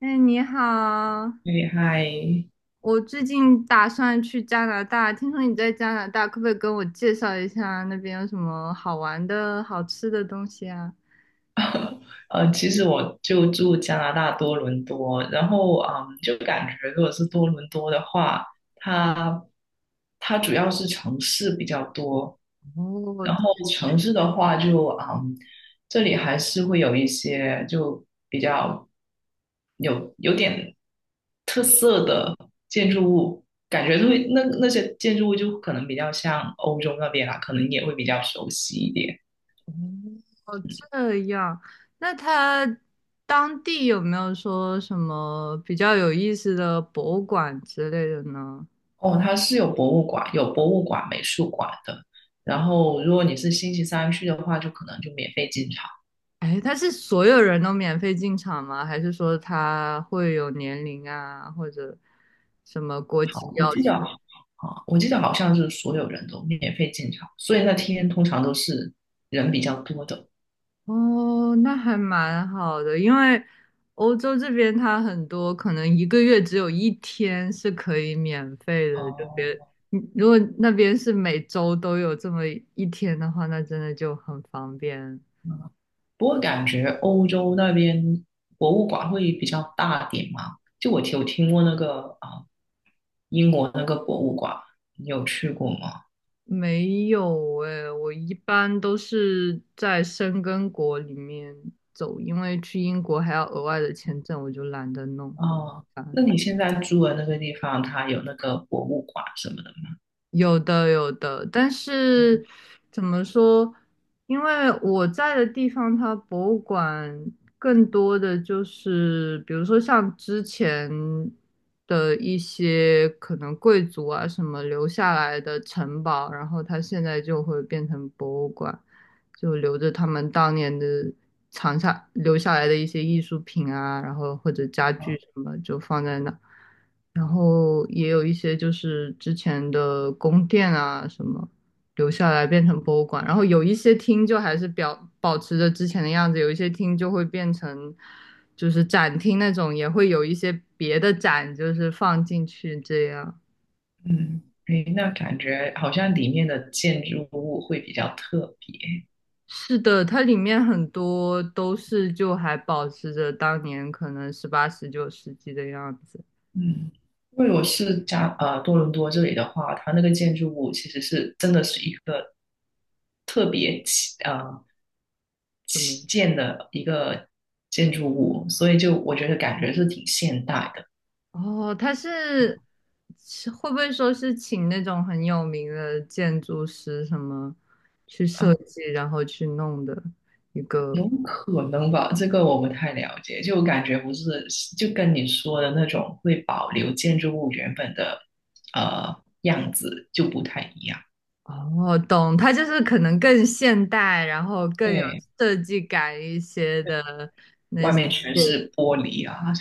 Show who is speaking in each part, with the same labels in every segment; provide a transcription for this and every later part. Speaker 1: 哎，你好，
Speaker 2: 厉害。
Speaker 1: 我最近打算去加拿大，听说你在加拿大，可不可以跟我介绍一下那边有什么好玩的、好吃的东西啊？
Speaker 2: 其实我就住加拿大多伦多。然后就感觉如果是多伦多的话，它它主要是城市比较多。
Speaker 1: 哦，
Speaker 2: 然后城市的话就这里还是会有一些就比较有点特色的建筑物，感觉会那些建筑物就可能比较像欧洲那边啦，可能也会比较熟悉一点。
Speaker 1: 这样，那当地有没有说什么比较有意思的博物馆之类的呢？
Speaker 2: 哦，它是有博物馆、美术馆的。然后，如果你是星期三去的话，就可能就免费进场。
Speaker 1: 哎，他是所有人都免费进场吗？还是说他会有年龄啊，或者什么国籍
Speaker 2: 好，我
Speaker 1: 要
Speaker 2: 记得
Speaker 1: 求？
Speaker 2: 啊，我记得好像是所有人都免费进场，所以那天通常都是人比较多的。
Speaker 1: 哦，那还蛮好的，因为欧洲这边它很多可能一个月只有一天是可以免费的，就别，
Speaker 2: 哦，
Speaker 1: 嗯如果那边是每周都有这么一天的话，那真的就很方便。
Speaker 2: 不过感觉欧洲那边博物馆会比较大点嘛？就我有听过那个啊，英国那个博物馆，你有去过吗？
Speaker 1: 没有诶，我一般都是在申根国里面走，因为去英国还要额外的签证，我就懒得弄，好
Speaker 2: 哦，
Speaker 1: 麻烦。
Speaker 2: 那你现在住的那个地方，它有那个博物馆什么的吗？
Speaker 1: 有的有的，但是怎么说？因为我在的地方，它博物馆更多的就是，比如说像之前的一些可能贵族啊什么留下来的城堡，然后它现在就会变成博物馆，就留着他们当年的藏下留下来的一些艺术品啊，然后或者家具什么就放在那，然后也有一些就是之前的宫殿啊什么留下来变成博物馆，然后有一些厅就还是保持着之前的样子，有一些厅就会变成就是展厅那种，也会有一些别的展就是放进去这样。
Speaker 2: 嗯，诶，那感觉好像里面的建筑物会比较特别。
Speaker 1: 是的，它里面很多都是就还保持着当年可能18、19世纪的样子，
Speaker 2: 嗯，因为我是多伦多这里的话，它那个建筑物其实是真的是一个特别
Speaker 1: 这么样
Speaker 2: 起建的一个建筑物，所以就我觉得感觉是挺现代的。
Speaker 1: 哦，他是会不会说是请那种很有名的建筑师什么去设
Speaker 2: 啊，
Speaker 1: 计，然后去弄的一个？
Speaker 2: 有可能吧，这个我不太了解，就感觉不是就跟你说的那种会保留建筑物原本的呃样子就不太一样。
Speaker 1: 哦，懂，他就是可能更现代，然后更有
Speaker 2: 对。
Speaker 1: 设计感一些的那
Speaker 2: 外
Speaker 1: 些。
Speaker 2: 面全是玻璃啊。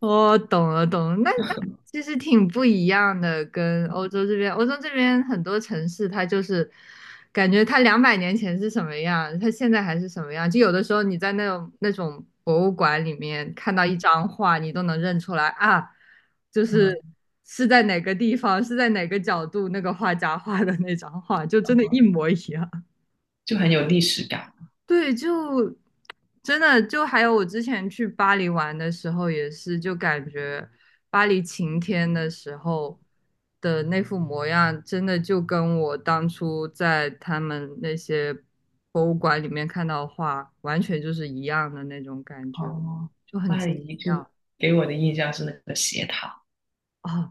Speaker 1: 我懂了，懂了，那其实挺不一样的，跟欧洲这边，欧洲这边很多城市，它就是感觉它200年前是什么样，它现在还是什么样。就有的时候你在那种博物馆里面看到一张画，你都能认出来啊，就是
Speaker 2: 嗯，
Speaker 1: 是在哪个地方，是在哪个角度那个画家画的那张画，就真的一模一样。
Speaker 2: 就很有历史感。
Speaker 1: 对，就真的就还有我之前去巴黎玩的时候，也是就感觉巴黎晴天的时候的那副模样，真的就跟我当初在他们那些博物馆里面看到的画，完全就是一样的那种感觉，
Speaker 2: 哦，
Speaker 1: 就很
Speaker 2: 巴
Speaker 1: 奇
Speaker 2: 黎就
Speaker 1: 妙
Speaker 2: 给我的印象是那个斜塔。
Speaker 1: 哦。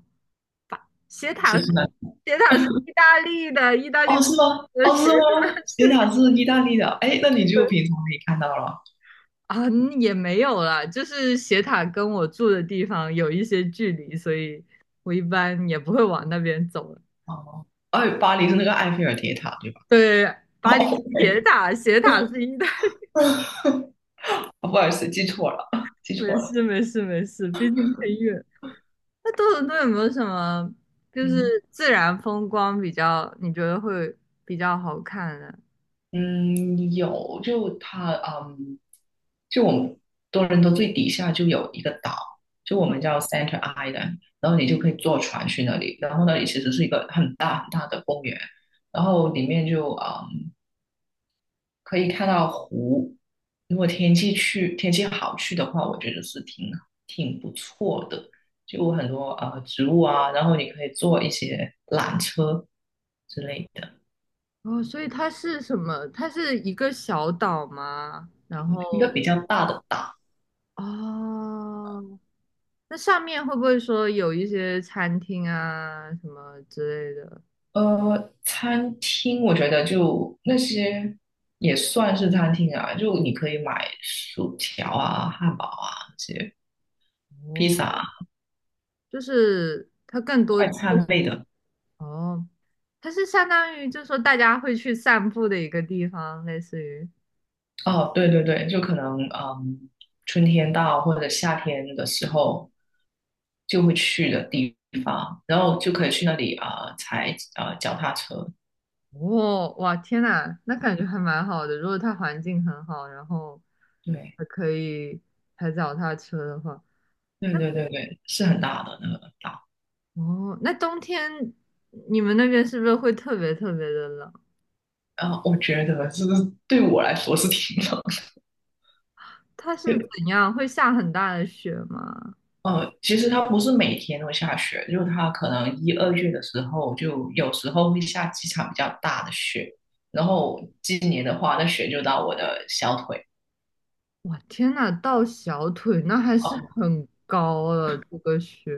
Speaker 1: 斜塔，
Speaker 2: 是是那
Speaker 1: 斜塔是意大利的，意大利
Speaker 2: 哦，是吗？
Speaker 1: 的
Speaker 2: 哦，
Speaker 1: 斜
Speaker 2: 是
Speaker 1: 塔，
Speaker 2: 吗？斜塔
Speaker 1: 是
Speaker 2: 是意大利的，哎，那你就平常可以看到了。
Speaker 1: 啊，也没有啦，就是斜塔跟我住的地方有一些距离，所以我一般也不会往那边走了。
Speaker 2: 哦，哎，巴黎是那个埃菲尔铁塔，对吧？
Speaker 1: 对，
Speaker 2: 哦
Speaker 1: 巴黎是
Speaker 2: o
Speaker 1: 铁塔，斜塔是一代，
Speaker 2: 哦 不好意思，记错了，记
Speaker 1: 没
Speaker 2: 错了。
Speaker 1: 事没事没事，毕竟很远。那多伦多有没有什么就是
Speaker 2: 嗯
Speaker 1: 自然风光比较你觉得会比较好看的？
Speaker 2: 嗯，有，就它，嗯，就我们多伦多最底下就有一个岛，就我们叫 Center Island，然后你就可以坐船去那里，然后那里其实是一个很大很大的公园，然后里面就可以看到湖。如果天气好去的话，我觉得是挺不错的。就很多植物啊，然后你可以坐一些缆车之类的，
Speaker 1: 哦，所以它是什么？它是一个小岛吗？然
Speaker 2: 一个
Speaker 1: 后
Speaker 2: 比较大的岛。
Speaker 1: 哦，那上面会不会说有一些餐厅啊什么之类的？
Speaker 2: 餐厅我觉得就那些也算是餐厅啊，就你可以买薯条啊、汉堡啊那些、披
Speaker 1: 哦，
Speaker 2: 萨啊、
Speaker 1: 就是它更多
Speaker 2: 快
Speaker 1: 就
Speaker 2: 餐
Speaker 1: 是
Speaker 2: 类的。
Speaker 1: 哦，它是相当于就是说大家会去散步的一个地方，类似于
Speaker 2: 哦，对对对，就可能春天到或者夏天的时候就会去的地方，然后就可以去那里啊、踩啊脚踏车。
Speaker 1: 哦，哇，天呐，那感觉还蛮好的。如果它环境很好，然后
Speaker 2: 对
Speaker 1: 还可以踩脚踏车的话，
Speaker 2: 对对对对，是很大的那个岛。
Speaker 1: 哦，那冬天你们那边是不是会特别特别的冷？
Speaker 2: 然后我觉得就是对我来说是挺冷。
Speaker 1: 它是 怎样？会下很大的雪吗？
Speaker 2: 其实它不是每天都下雪，就它可能一二月的时候，就有时候会下几场比较大的雪。然后今年的话，那雪就到我的小腿。
Speaker 1: 哇，天呐，到小腿那还是
Speaker 2: 哦，
Speaker 1: 很高了，这个雪，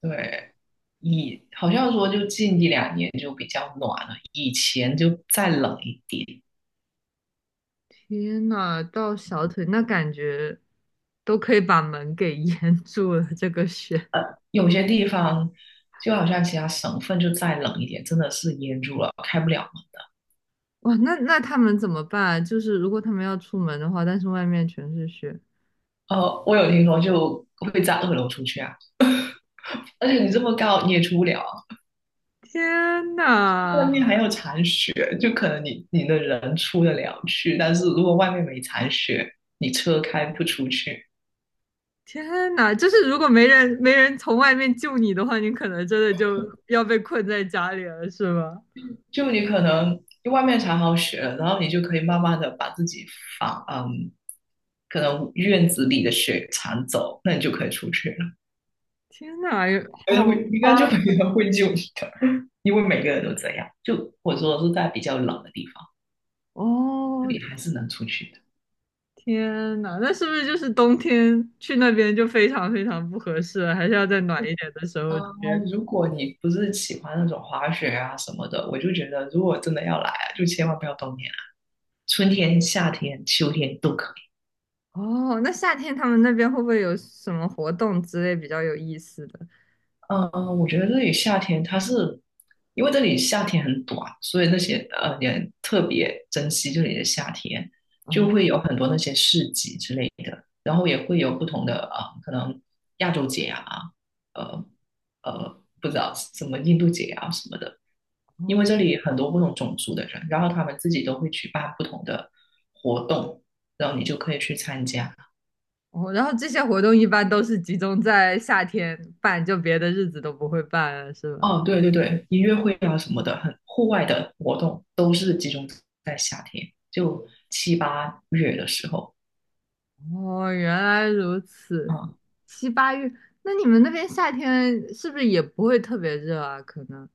Speaker 2: 对，好像说就近一两年就比较暖了，以前就再冷一点。
Speaker 1: 天呐，到小腿那感觉都可以把门给 淹住了，这个雪，
Speaker 2: 有些地方就好像其他省份就再冷一点，真的是淹住了，开不了门。
Speaker 1: 哇，那那他们怎么办啊就是如果他们要出门的话，但是外面全是雪，
Speaker 2: 我有听说就会在二楼出去啊，而且你这么高你也出不了。
Speaker 1: 天
Speaker 2: 外
Speaker 1: 呐，
Speaker 2: 面还有残雪，就可能你的人出得了去，但是如果外面没残雪，你车开不出去，
Speaker 1: 天呐，就是如果没人从外面救你的话，你可能真的就要被困在家里了，是吧？
Speaker 2: 就你可能因为外面铲好雪了，然后你就可以慢慢的把自己房嗯，可能院子里的雪铲走，那你就可以出去了。
Speaker 1: 天呐，
Speaker 2: 哎，会
Speaker 1: 好
Speaker 2: 应
Speaker 1: 夸
Speaker 2: 该就没人会救你的，因为每个人都这样。就或者说的是在比较冷的地方，
Speaker 1: 哦，
Speaker 2: 你还是能出去。的。
Speaker 1: 天呐，那是不是就是冬天去那边就非常非常不合适了？还是要在暖一点的时
Speaker 2: 啊，
Speaker 1: 候去？
Speaker 2: 如果你不是喜欢那种滑雪啊什么的，我就觉得如果真的要来啊就千万不要冬天啊，春天、夏天、秋天都可以。
Speaker 1: 哦，那夏天他们那边会不会有什么活动之类比较有意思的？
Speaker 2: 嗯嗯，我觉得这里夏天它是，因为这里夏天很短，所以那些人特别珍惜这里的夏天，
Speaker 1: 哦
Speaker 2: 就会有很多那些市集之类的，然后也会有不同的啊，可能亚洲节啊，呃不知道什么印度节啊什么的，因为
Speaker 1: 哦
Speaker 2: 这里很多不同种族的人，然后他们自己都会举办不同的活动，然后你就可以去参加。
Speaker 1: 哦，然后这些活动一般都是集中在夏天办，就别的日子都不会办了，是吧？
Speaker 2: 哦，对对对，音乐会啊什么的，很户外的活动都是集中在夏天，就七八月的时候。
Speaker 1: 哦，原来如此。
Speaker 2: 啊，
Speaker 1: 七八月，那你们那边夏天是不是也不会特别热啊？可能。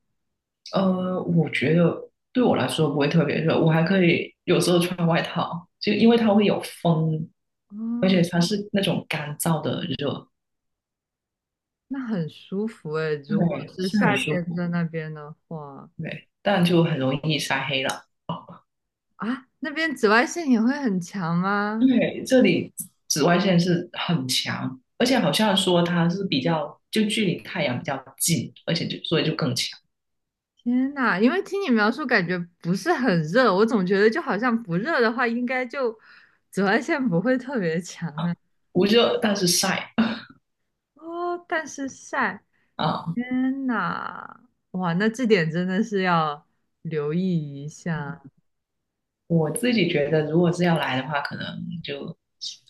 Speaker 2: 我觉得对我来说不会特别热，我还可以有时候穿外套，就因为它会有风，而
Speaker 1: 哦，
Speaker 2: 且它是那种干燥的热。
Speaker 1: 那很舒服哎。如果
Speaker 2: 对，
Speaker 1: 是
Speaker 2: 是很
Speaker 1: 夏
Speaker 2: 舒
Speaker 1: 天
Speaker 2: 服。
Speaker 1: 在那边的话，
Speaker 2: 对，但就很容易晒黑了。
Speaker 1: 啊，那边紫外线也会很强吗？
Speaker 2: 对，这里紫外线是很强，而且好像说它是比较，就距离太阳比较近，而且就所以就更强
Speaker 1: 天呐，因为听你描述感觉不是很热，我总觉得就好像不热的话，应该就紫外线不会特别强
Speaker 2: 啊，
Speaker 1: 啊。
Speaker 2: 不热但是晒
Speaker 1: 哦，但是晒，
Speaker 2: 啊。
Speaker 1: 天呐，哇，那这点真的是要留意一下，
Speaker 2: 我自己觉得，如果是要来的话，可能就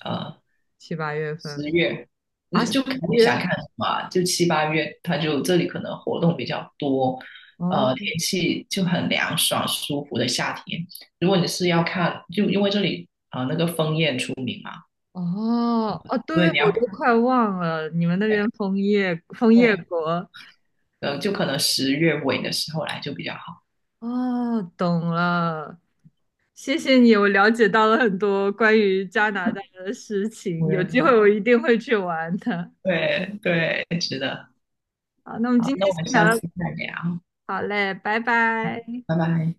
Speaker 2: 呃
Speaker 1: 七八月
Speaker 2: 十
Speaker 1: 份
Speaker 2: 月，就
Speaker 1: 啊，十
Speaker 2: 就看你想
Speaker 1: 月
Speaker 2: 看什么啊就七八月，它就这里可能活动比较多。
Speaker 1: 哦。
Speaker 2: 天气就很凉爽舒服的夏天。如果你是要看，就因为这里，
Speaker 1: 哦哦，对，
Speaker 2: 因为你
Speaker 1: 我
Speaker 2: 要
Speaker 1: 都快忘了，你们那边枫叶枫叶
Speaker 2: 对。
Speaker 1: 国。
Speaker 2: 就可能十月尾的时候来就比较好。
Speaker 1: 哦，懂了，谢谢你，我了解到了很多关于加拿大的事情，
Speaker 2: 五
Speaker 1: 有
Speaker 2: 月份，
Speaker 1: 机会我一定会去玩的。
Speaker 2: 对对，值得。
Speaker 1: 好，那我们
Speaker 2: 好，
Speaker 1: 今
Speaker 2: 那
Speaker 1: 天
Speaker 2: 我
Speaker 1: 先
Speaker 2: 们下
Speaker 1: 聊
Speaker 2: 次
Speaker 1: 到，
Speaker 2: 再聊，
Speaker 1: 好嘞，拜拜。
Speaker 2: 拜拜。